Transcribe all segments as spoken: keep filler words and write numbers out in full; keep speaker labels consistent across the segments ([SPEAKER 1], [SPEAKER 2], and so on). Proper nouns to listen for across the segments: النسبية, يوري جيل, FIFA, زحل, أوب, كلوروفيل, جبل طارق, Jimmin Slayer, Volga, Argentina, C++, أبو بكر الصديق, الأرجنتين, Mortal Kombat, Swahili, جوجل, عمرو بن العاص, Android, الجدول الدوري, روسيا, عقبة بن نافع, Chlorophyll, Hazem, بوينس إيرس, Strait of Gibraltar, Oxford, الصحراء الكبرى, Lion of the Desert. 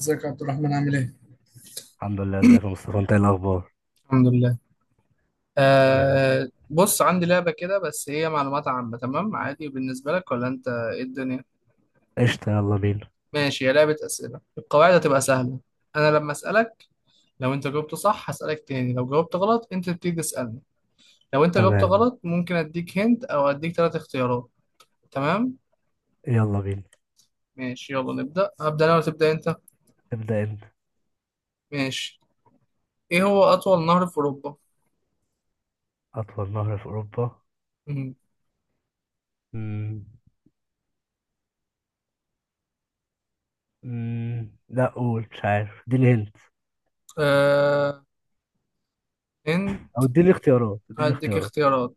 [SPEAKER 1] ازيك يا عبد الرحمن عامل ايه؟
[SPEAKER 2] الحمد لله. ازيك يا مصطفى؟ انت ايه الاخبار؟
[SPEAKER 1] الحمد لله.
[SPEAKER 2] تمام.
[SPEAKER 1] آه بص عندي لعبة كده، بس هي معلومات عامة. تمام عادي بالنسبة لك ولا انت ايه الدنيا؟
[SPEAKER 2] قشطة، يلا بينا.
[SPEAKER 1] ماشي، هي لعبة أسئلة القواعد هتبقى سهلة. انا لما أسألك، لو انت جاوبت صح هسألك تاني، لو جاوبت غلط انت تبتدي تسألني. لو انت جاوبت
[SPEAKER 2] تمام،
[SPEAKER 1] غلط ممكن اديك هنت او اديك ثلاث اختيارات. تمام.
[SPEAKER 2] يلا بينا.
[SPEAKER 1] ماشي، يلا نبدأ. هبدأ انا ولا تبدأ انت؟
[SPEAKER 2] ابدأ انت.
[SPEAKER 1] ماشي. ايه هو أطول نهر في أوروبا؟
[SPEAKER 2] اطول نهر في اوروبا.
[SPEAKER 1] مم.
[SPEAKER 2] مم. مم. لا، قول مش عارف، اديني هنت
[SPEAKER 1] آه هند.
[SPEAKER 2] او اديني اختيارات، اديني
[SPEAKER 1] هديك
[SPEAKER 2] اختيارات.
[SPEAKER 1] اختيارات.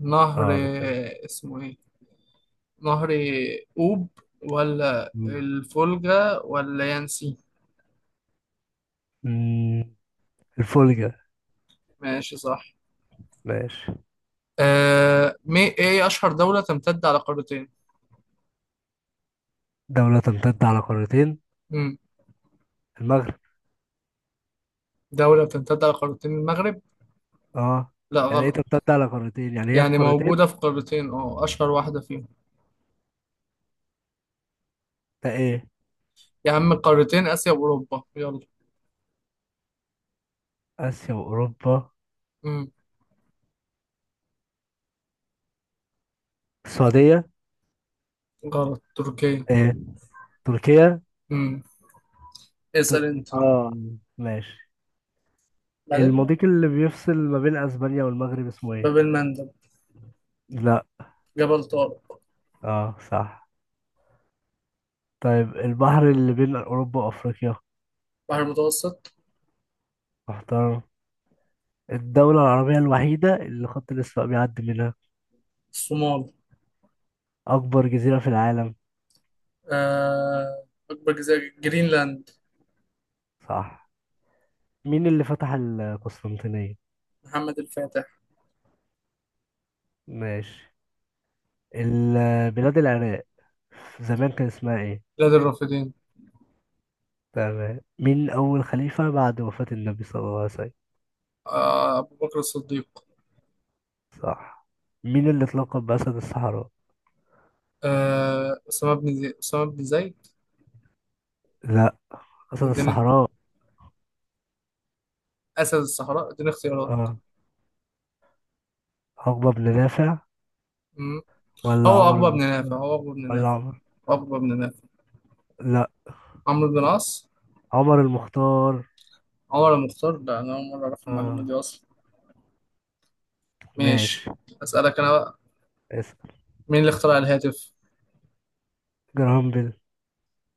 [SPEAKER 1] نهر،
[SPEAKER 2] اه، انا تمام.
[SPEAKER 1] آه، اسمه ايه؟ نهر أوب ولا
[SPEAKER 2] مم.
[SPEAKER 1] الفولجا ولا يانسي؟
[SPEAKER 2] مم. الفولجا.
[SPEAKER 1] ماشي صح.
[SPEAKER 2] ماشي.
[SPEAKER 1] آه مي ايه أشهر دولة تمتد على قارتين؟
[SPEAKER 2] دولة تمتد على قارتين؟
[SPEAKER 1] مم.
[SPEAKER 2] المغرب.
[SPEAKER 1] دولة بتمتد على قارتين، المغرب؟
[SPEAKER 2] اه،
[SPEAKER 1] لا
[SPEAKER 2] يعني ايه
[SPEAKER 1] غلط.
[SPEAKER 2] تمتد على قارتين؟ يعني هي في
[SPEAKER 1] يعني
[SPEAKER 2] قارتين؟
[SPEAKER 1] موجودة في قارتين، اه، أشهر واحدة فيهم.
[SPEAKER 2] ده ايه؟
[SPEAKER 1] يا عم قارتين، آسيا وأوروبا، يلا.
[SPEAKER 2] اسيا واوروبا.
[SPEAKER 1] مم.
[SPEAKER 2] السعودية.
[SPEAKER 1] غلط، تركيا.
[SPEAKER 2] ايه؟ تركيا.
[SPEAKER 1] مم.
[SPEAKER 2] تر...
[SPEAKER 1] اسأل أنت.
[SPEAKER 2] اه، ماشي.
[SPEAKER 1] بعدين.
[SPEAKER 2] المضيق اللي بيفصل ما بين اسبانيا والمغرب اسمه ايه؟
[SPEAKER 1] باب المندب.
[SPEAKER 2] لا.
[SPEAKER 1] جبل طارق.
[SPEAKER 2] اه، صح. طيب البحر اللي بين اوروبا وافريقيا؟
[SPEAKER 1] بحر المتوسط.
[SPEAKER 2] محترم. الدولة العربية الوحيدة اللي خط الاسواق بيعدي منها.
[SPEAKER 1] الصومال.
[SPEAKER 2] اكبر جزيرة في العالم.
[SPEAKER 1] آه أكبر جزيرة، جرينلاند.
[SPEAKER 2] صح. مين اللي فتح القسطنطينية؟
[SPEAKER 1] محمد الفاتح.
[SPEAKER 2] ماشي. ال- بلاد العراق زمان كان اسمها ايه؟
[SPEAKER 1] بلاد الرافدين.
[SPEAKER 2] تمام. مين اول خليفة بعد وفاة النبي صلى الله عليه وسلم؟
[SPEAKER 1] آه، أبو بكر الصديق.
[SPEAKER 2] صح. مين اللي اتلقب بأسد الصحراء؟
[SPEAKER 1] آه، أسامة بن زي... أسامة بن زيد.
[SPEAKER 2] لا. أسد
[SPEAKER 1] اديني.
[SPEAKER 2] الصحراء.
[SPEAKER 1] أسد الصحراء، اديني اختيارات.
[SPEAKER 2] اه، عقبة بن نافع
[SPEAKER 1] مم.
[SPEAKER 2] ولا
[SPEAKER 1] هو
[SPEAKER 2] عمر
[SPEAKER 1] عقبة بن نافع
[SPEAKER 2] المختار
[SPEAKER 1] هو عقبة بن
[SPEAKER 2] ولا
[SPEAKER 1] نافع
[SPEAKER 2] عمر؟
[SPEAKER 1] عقبة بن نافع.
[SPEAKER 2] لا.
[SPEAKER 1] عمرو بن العاص.
[SPEAKER 2] عمر المختار.
[SPEAKER 1] عمر المختار؟ لا، أنا أول مرة أعرف المعلومة دي
[SPEAKER 2] اه،
[SPEAKER 1] أصلا.
[SPEAKER 2] ماشي.
[SPEAKER 1] ماشي. أسألك أنا بقى.
[SPEAKER 2] اسأل.
[SPEAKER 1] مين اللي اخترع الهاتف؟
[SPEAKER 2] جرهام بيل.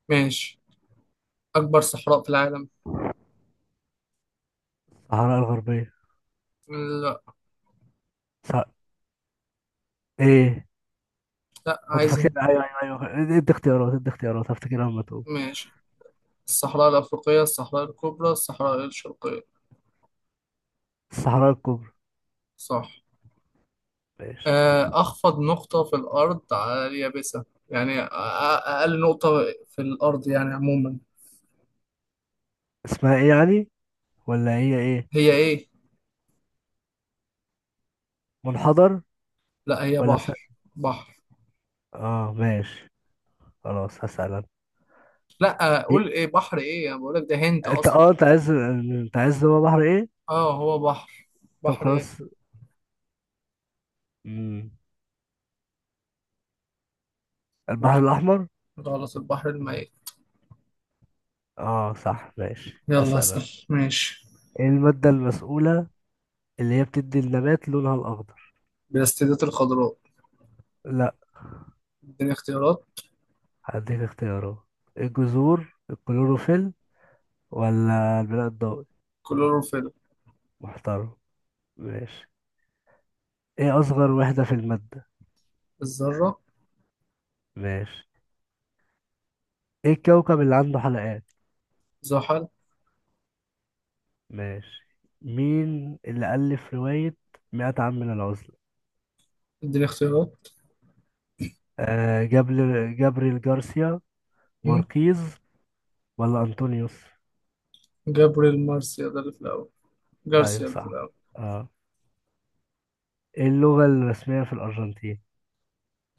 [SPEAKER 1] ماشي. أكبر صحراء في العالم.
[SPEAKER 2] الصحراء الغربية.
[SPEAKER 1] لا.
[SPEAKER 2] صح. ايه؟
[SPEAKER 1] لا
[SPEAKER 2] كنت فاكر.
[SPEAKER 1] عايزها.
[SPEAKER 2] ايوه ايوه ايوه، ادي اختيارات ادي اختيارات، هفتكرها لما تقول.
[SPEAKER 1] ماشي. الصحراء الأفريقية، الصحراء الكبرى، الصحراء الشرقية؟
[SPEAKER 2] الصحراء الكبرى.
[SPEAKER 1] صح.
[SPEAKER 2] ماشي.
[SPEAKER 1] آه، أخفض نقطة في الأرض على اليابسة، يعني أ- أ- أقل نقطة في الأرض يعني عموما.
[SPEAKER 2] اسمها ايه يعني ولا هي ايه؟
[SPEAKER 1] هي إيه؟
[SPEAKER 2] منحدر.
[SPEAKER 1] لا، هي
[SPEAKER 2] ولا س...
[SPEAKER 1] بحر بحر.
[SPEAKER 2] اه، ماشي، خلاص هسأل انا.
[SPEAKER 1] لا
[SPEAKER 2] إيه؟
[SPEAKER 1] قول إيه بحر إيه، أنا بقولك ده هنت
[SPEAKER 2] انت
[SPEAKER 1] أصلا.
[SPEAKER 2] اه انت عايز، انت عايز هو بحر ايه؟
[SPEAKER 1] أه، هو بحر.
[SPEAKER 2] طب
[SPEAKER 1] بحر إيه؟
[SPEAKER 2] خلاص. مم. البحر
[SPEAKER 1] ما
[SPEAKER 2] الاحمر.
[SPEAKER 1] غلط، البحر الميت.
[SPEAKER 2] اه، صح، ماشي
[SPEAKER 1] يلا
[SPEAKER 2] هسأل أنا.
[SPEAKER 1] اسأل ماشي.
[SPEAKER 2] ايه المادة المسؤولة اللي هي بتدي النبات لونها الأخضر؟
[SPEAKER 1] بلاستيدات الخضراء.
[SPEAKER 2] لا،
[SPEAKER 1] اديني اختيارات.
[SPEAKER 2] هديك اختيارات. الجذور، الكلوروفيل، ولا البناء الضوئي؟
[SPEAKER 1] كلوروفيل.
[SPEAKER 2] محترم. ماشي. ايه أصغر وحدة في المادة؟
[SPEAKER 1] الذرة.
[SPEAKER 2] ماشي. ايه الكوكب اللي عنده حلقات؟
[SPEAKER 1] زحل.
[SPEAKER 2] ماشي. مين اللي ألف رواية مئة عام من العزلة؟
[SPEAKER 1] اديني اختيارات.
[SPEAKER 2] آه، جابر جابريل جارسيا
[SPEAKER 1] مم.
[SPEAKER 2] ماركيز ولا أنطونيوس؟
[SPEAKER 1] جبر المارسيا ده اللي في الأول،
[SPEAKER 2] أيوه،
[SPEAKER 1] جارسيا اللي في
[SPEAKER 2] صح.
[SPEAKER 1] الأول.
[SPEAKER 2] اه. ايه اللغة الرسمية في الأرجنتين؟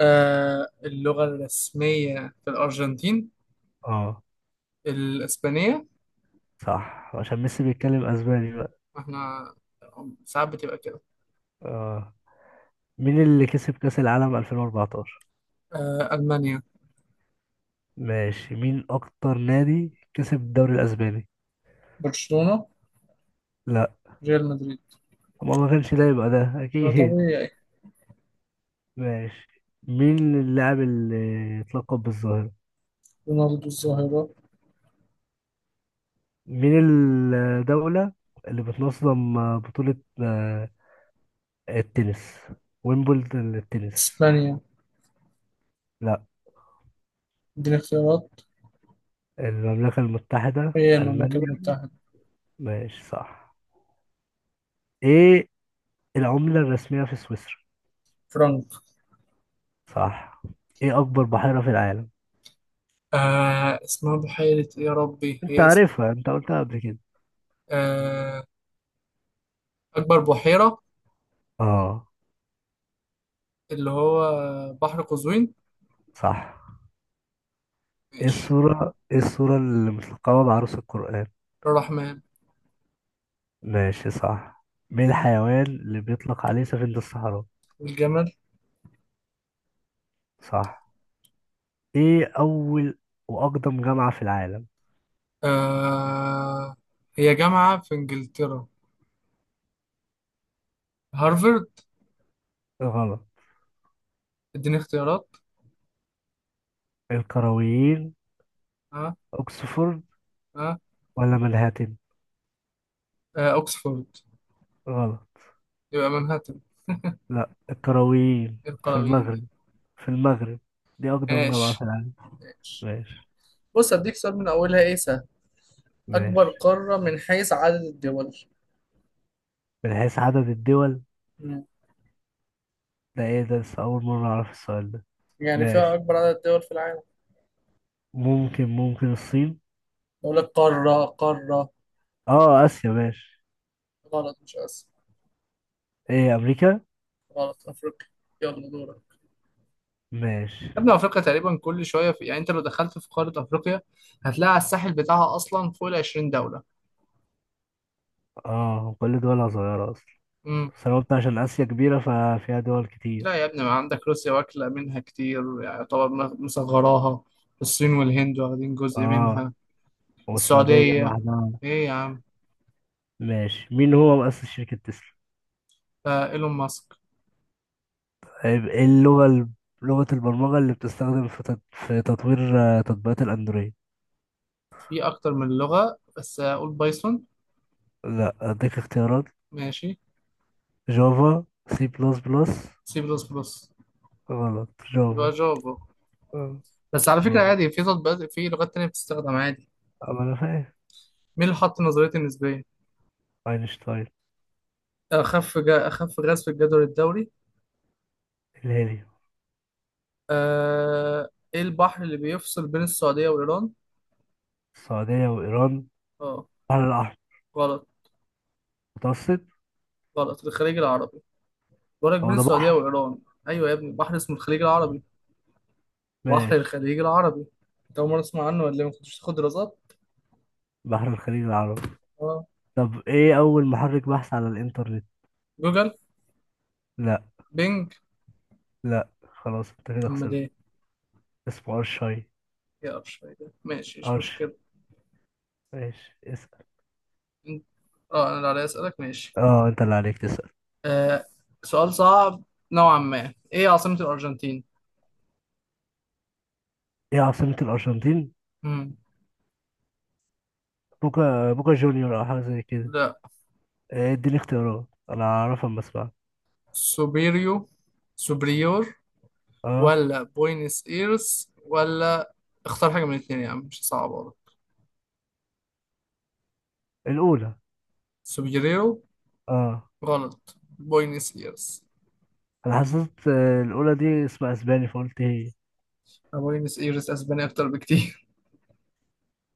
[SPEAKER 1] آه اللغة الرسمية في الأرجنتين،
[SPEAKER 2] اه،
[SPEAKER 1] الإسبانية.
[SPEAKER 2] صح، عشان ميسي بيتكلم اسباني بقى.
[SPEAKER 1] احنا ساعات بتبقى كده.
[SPEAKER 2] اه. مين اللي كسب كأس العالم ألفين وأربعتاشر؟
[SPEAKER 1] آه ألمانيا.
[SPEAKER 2] ماشي. مين اكتر نادي كسب الدوري الاسباني؟
[SPEAKER 1] برشلونة.
[SPEAKER 2] لا.
[SPEAKER 1] ريال مدريد.
[SPEAKER 2] ما ما كانش ده، يبقى ده
[SPEAKER 1] ده
[SPEAKER 2] اكيد.
[SPEAKER 1] طبيعي.
[SPEAKER 2] ماشي. مين اللاعب اللي اتلقب بالظاهرة؟
[SPEAKER 1] رونالدو الظاهرة.
[SPEAKER 2] مين الدولة اللي بتنظم بطولة آه، التنس، ويمبلدون للتنس؟
[SPEAKER 1] إسبانيا.
[SPEAKER 2] لا.
[SPEAKER 1] دي الاختيارات،
[SPEAKER 2] المملكة المتحدة.
[SPEAKER 1] هي المملكة
[SPEAKER 2] ألمانيا.
[SPEAKER 1] المتحدة.
[SPEAKER 2] ماشي، صح. ايه العملة الرسمية في سويسرا؟
[SPEAKER 1] فرنك.
[SPEAKER 2] صح. ايه اكبر بحيرة في العالم؟
[SPEAKER 1] آه اسمها بحيرة إيه يا ربي،
[SPEAKER 2] انت
[SPEAKER 1] هي اسم.
[SPEAKER 2] عارفها، انت قلتها قبل كده.
[SPEAKER 1] آه أكبر بحيرة،
[SPEAKER 2] اه،
[SPEAKER 1] اللي هو بحر قزوين.
[SPEAKER 2] صح. ايه
[SPEAKER 1] ماشي.
[SPEAKER 2] السورة ايه السورة اللي متلقبة بعروس القرآن؟
[SPEAKER 1] الرحمن.
[SPEAKER 2] ماشي، صح. مين الحيوان اللي بيطلق عليه سفينة الصحراء؟
[SPEAKER 1] الجمل.
[SPEAKER 2] صح. ايه اول واقدم جامعة في العالم؟
[SPEAKER 1] آه هي جامعة في إنجلترا، هارفرد.
[SPEAKER 2] غلط.
[SPEAKER 1] اديني اختيارات.
[SPEAKER 2] القرويين.
[SPEAKER 1] ها.
[SPEAKER 2] اوكسفورد
[SPEAKER 1] ها.
[SPEAKER 2] ولا منهاتن؟
[SPEAKER 1] آه، اوكسفورد.
[SPEAKER 2] غلط.
[SPEAKER 1] يبقى منهاتن.
[SPEAKER 2] لا، القرويين،
[SPEAKER 1] ايه
[SPEAKER 2] في
[SPEAKER 1] القراويين دي؟
[SPEAKER 2] المغرب، في المغرب، دي اقدم جامعة في
[SPEAKER 1] ماشي.
[SPEAKER 2] العالم.
[SPEAKER 1] ماشي.
[SPEAKER 2] ماشي.
[SPEAKER 1] بص أديك سؤال من أولها إيه سهل. أكبر
[SPEAKER 2] ماشي.
[SPEAKER 1] قارة من حيث عدد الدول.
[SPEAKER 2] من حيث عدد الدول.
[SPEAKER 1] مم.
[SPEAKER 2] ده ايه ده؟ لسه اول مرة اعرف السؤال ده.
[SPEAKER 1] يعني فيها
[SPEAKER 2] ماشي.
[SPEAKER 1] أكبر عدد دول في العالم.
[SPEAKER 2] ممكن ممكن الصين.
[SPEAKER 1] أقول لك قارة قارة.
[SPEAKER 2] اه، اسيا. ماشي.
[SPEAKER 1] غلط، مش آسيا.
[SPEAKER 2] ايه، امريكا.
[SPEAKER 1] غلط، أفريقيا. يلا دورك.
[SPEAKER 2] ماشي.
[SPEAKER 1] يا ابني افريقيا تقريبا كل شويه في... يعني انت لو دخلت في قاره افريقيا هتلاقي على الساحل بتاعها اصلا فوق ال عشرين دوله.
[SPEAKER 2] اه، كل دولها صغيرة اصلا.
[SPEAKER 1] مم.
[SPEAKER 2] بس انا قلت عشان اسيا كبيرة ففيها دول
[SPEAKER 1] لا
[SPEAKER 2] كتير.
[SPEAKER 1] يا ابني، ما عندك روسيا واكلة منها كتير يعني طبعا، مصغراها. الصين والهند واخدين جزء
[SPEAKER 2] اه،
[SPEAKER 1] منها.
[SPEAKER 2] والسعودية
[SPEAKER 1] السعودية،
[SPEAKER 2] لوحدها.
[SPEAKER 1] ايه يا عم.
[SPEAKER 2] ماشي. مين هو مؤسس شركة تسلا؟
[SPEAKER 1] آه ايلون ماسك.
[SPEAKER 2] طيب ايه اللغة ال- لغة البرمجة اللي بتستخدم في تط- في تطوير آه، تطبيقات الاندرويد؟
[SPEAKER 1] في اكتر من لغة، بس اقول بايثون.
[SPEAKER 2] لا، اديك اختيارات.
[SPEAKER 1] ماشي.
[SPEAKER 2] جافا، سي بلس بلس.
[SPEAKER 1] سي بلس بلس.
[SPEAKER 2] غلط، جافا.
[SPEAKER 1] يبقى جافا.
[SPEAKER 2] آه.
[SPEAKER 1] بس على فكرة
[SPEAKER 2] دورة.
[SPEAKER 1] عادي، في تطبيقات في لغات تانية بتستخدم عادي.
[SPEAKER 2] أما أنا فاهم.
[SPEAKER 1] مين اللي حط نظرية النسبية؟
[SPEAKER 2] أينشتاين.
[SPEAKER 1] اخف جا اخف غاز في الجدول الدوري.
[SPEAKER 2] الهيليوم.
[SPEAKER 1] آه ايه البحر اللي بيفصل بين السعودية وايران؟
[SPEAKER 2] السعودية وإيران.
[SPEAKER 1] اه.
[SPEAKER 2] بحر الأحمر.
[SPEAKER 1] غلط.
[SPEAKER 2] متوسط.
[SPEAKER 1] غلط، الخليج العربي. برج بين
[SPEAKER 2] هو ده
[SPEAKER 1] السعودية
[SPEAKER 2] بحر؟
[SPEAKER 1] وإيران. أيوة يا ابني، بحر اسمه الخليج العربي. بحر
[SPEAKER 2] ماشي.
[SPEAKER 1] الخليج العربي. أنت أول مرة تسمع عنه ولا إيه؟ ما كنتش تاخد دراسات؟
[SPEAKER 2] بحر الخليج العربي.
[SPEAKER 1] أه.
[SPEAKER 2] طب إيه أول محرك بحث على الإنترنت؟
[SPEAKER 1] جوجل.
[SPEAKER 2] لا.
[SPEAKER 1] بينج.
[SPEAKER 2] لا، خلاص أنت كده
[SPEAKER 1] أمال
[SPEAKER 2] خسرت.
[SPEAKER 1] إيه؟
[SPEAKER 2] اسمه أرشاي.
[SPEAKER 1] يا قرش فايدة، ماشي مش
[SPEAKER 2] أرش.
[SPEAKER 1] مشكلة.
[SPEAKER 2] ماشي، اسأل.
[SPEAKER 1] أنت- أه أنا اللي عليا أسألك، ماشي.
[SPEAKER 2] اه، أنت اللي عليك تسأل.
[SPEAKER 1] آه سؤال صعب نوعا ما. إيه عاصمة الأرجنتين؟
[SPEAKER 2] إيه عاصمة الأرجنتين؟
[SPEAKER 1] مم.
[SPEAKER 2] بوكا بوكا جونيور أو حاجة زي كده.
[SPEAKER 1] لا.
[SPEAKER 2] إيه، اديني اختيارات، أنا أعرفها أما أسمعها.
[SPEAKER 1] سوبيريو، سوبريور،
[SPEAKER 2] اه.
[SPEAKER 1] ولا بوينس إيرس، ولا اختار حاجة من الاتنين يا عم، مش صعب والله.
[SPEAKER 2] الأولى.
[SPEAKER 1] سوبيريو.
[SPEAKER 2] اه.
[SPEAKER 1] غلط، بوينس إيرس.
[SPEAKER 2] أنا حسيت، آه، الأولى دي اسمها أسباني فقلت هي.
[SPEAKER 1] بوينس ايرس اسبانيا اكتر بكتير.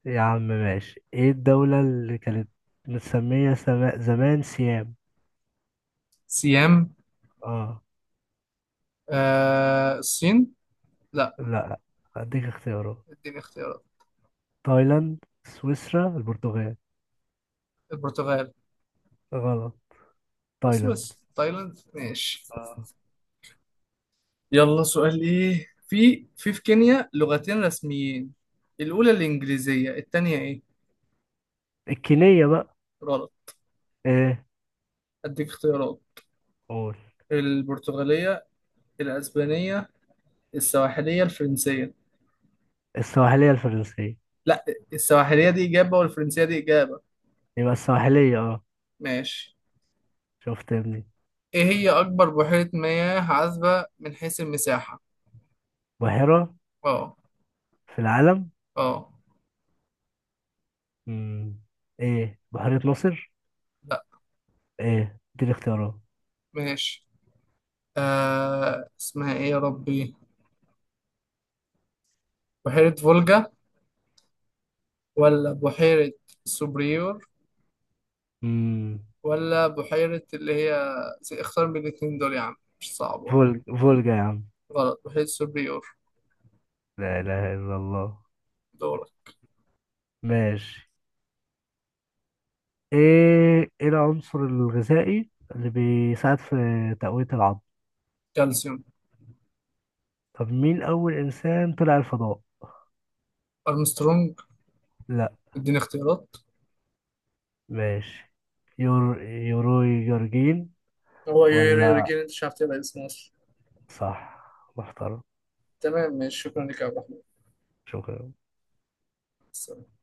[SPEAKER 2] يا عم، ماشي. ايه الدولة اللي كانت متسمية سما- زمان سيام؟
[SPEAKER 1] سيام.
[SPEAKER 2] اه.
[SPEAKER 1] آه الصين. لا.
[SPEAKER 2] لا، هديك اختيارات.
[SPEAKER 1] اديني اختيارات.
[SPEAKER 2] تايلاند، سويسرا، البرتغال.
[SPEAKER 1] البرتغال.
[SPEAKER 2] غلط.
[SPEAKER 1] السويس
[SPEAKER 2] تايلاند.
[SPEAKER 1] تايلاند، ماشي.
[SPEAKER 2] اه.
[SPEAKER 1] يلا سؤال. ايه في في في كينيا لغتين رسميين، الاولى الانجليزية التانية ايه؟
[SPEAKER 2] الكينية بقى.
[SPEAKER 1] غلط.
[SPEAKER 2] ايه؟
[SPEAKER 1] اديك اختيارات.
[SPEAKER 2] قول.
[SPEAKER 1] البرتغالية، الاسبانية، السواحلية، الفرنسية.
[SPEAKER 2] السواحلية، الفرنسية.
[SPEAKER 1] لا، السواحلية دي اجابة والفرنسية دي اجابة.
[SPEAKER 2] يبقى السواحلية. اه.
[SPEAKER 1] ماشي.
[SPEAKER 2] شفت يا ابني.
[SPEAKER 1] ايه هي اكبر بحيرة مياه عذبة من حيث المساحة؟
[SPEAKER 2] بحيرة
[SPEAKER 1] اه.
[SPEAKER 2] في العالم.
[SPEAKER 1] اه.
[SPEAKER 2] مم. ايه؟ بحيرة ناصر. ايه دي الاختيارات.
[SPEAKER 1] ماشي. آه اسمها ايه يا ربي، بحيرة فولجا، ولا بحيرة سوبريور،
[SPEAKER 2] مم.
[SPEAKER 1] ولا بحيرة اللي هي زي- اختار من الاتنين دول يا عم، مش صعب والله.
[SPEAKER 2] فولج فولجا يا عم.
[SPEAKER 1] غلط، بحيرة سوبريور.
[SPEAKER 2] لا اله الا الله.
[SPEAKER 1] دورك.
[SPEAKER 2] ماشي. ايه ايه العنصر الغذائي اللي بيساعد في تقوية العظم؟
[SPEAKER 1] كالسيوم.
[SPEAKER 2] طب مين اول انسان طلع الفضاء؟
[SPEAKER 1] أرمسترونج.
[SPEAKER 2] لا.
[SPEAKER 1] اديني اختيارات.
[SPEAKER 2] ماشي. يور، يوروي جورجين.
[SPEAKER 1] هو يوري، يوري
[SPEAKER 2] ولا.
[SPEAKER 1] جيل انت مش عارف تلاقي اسمه أصلاً.
[SPEAKER 2] صح. محترم.
[SPEAKER 1] تمام ماشي، شكرا لك يا عبد
[SPEAKER 2] شكرا.
[SPEAKER 1] الرحمن.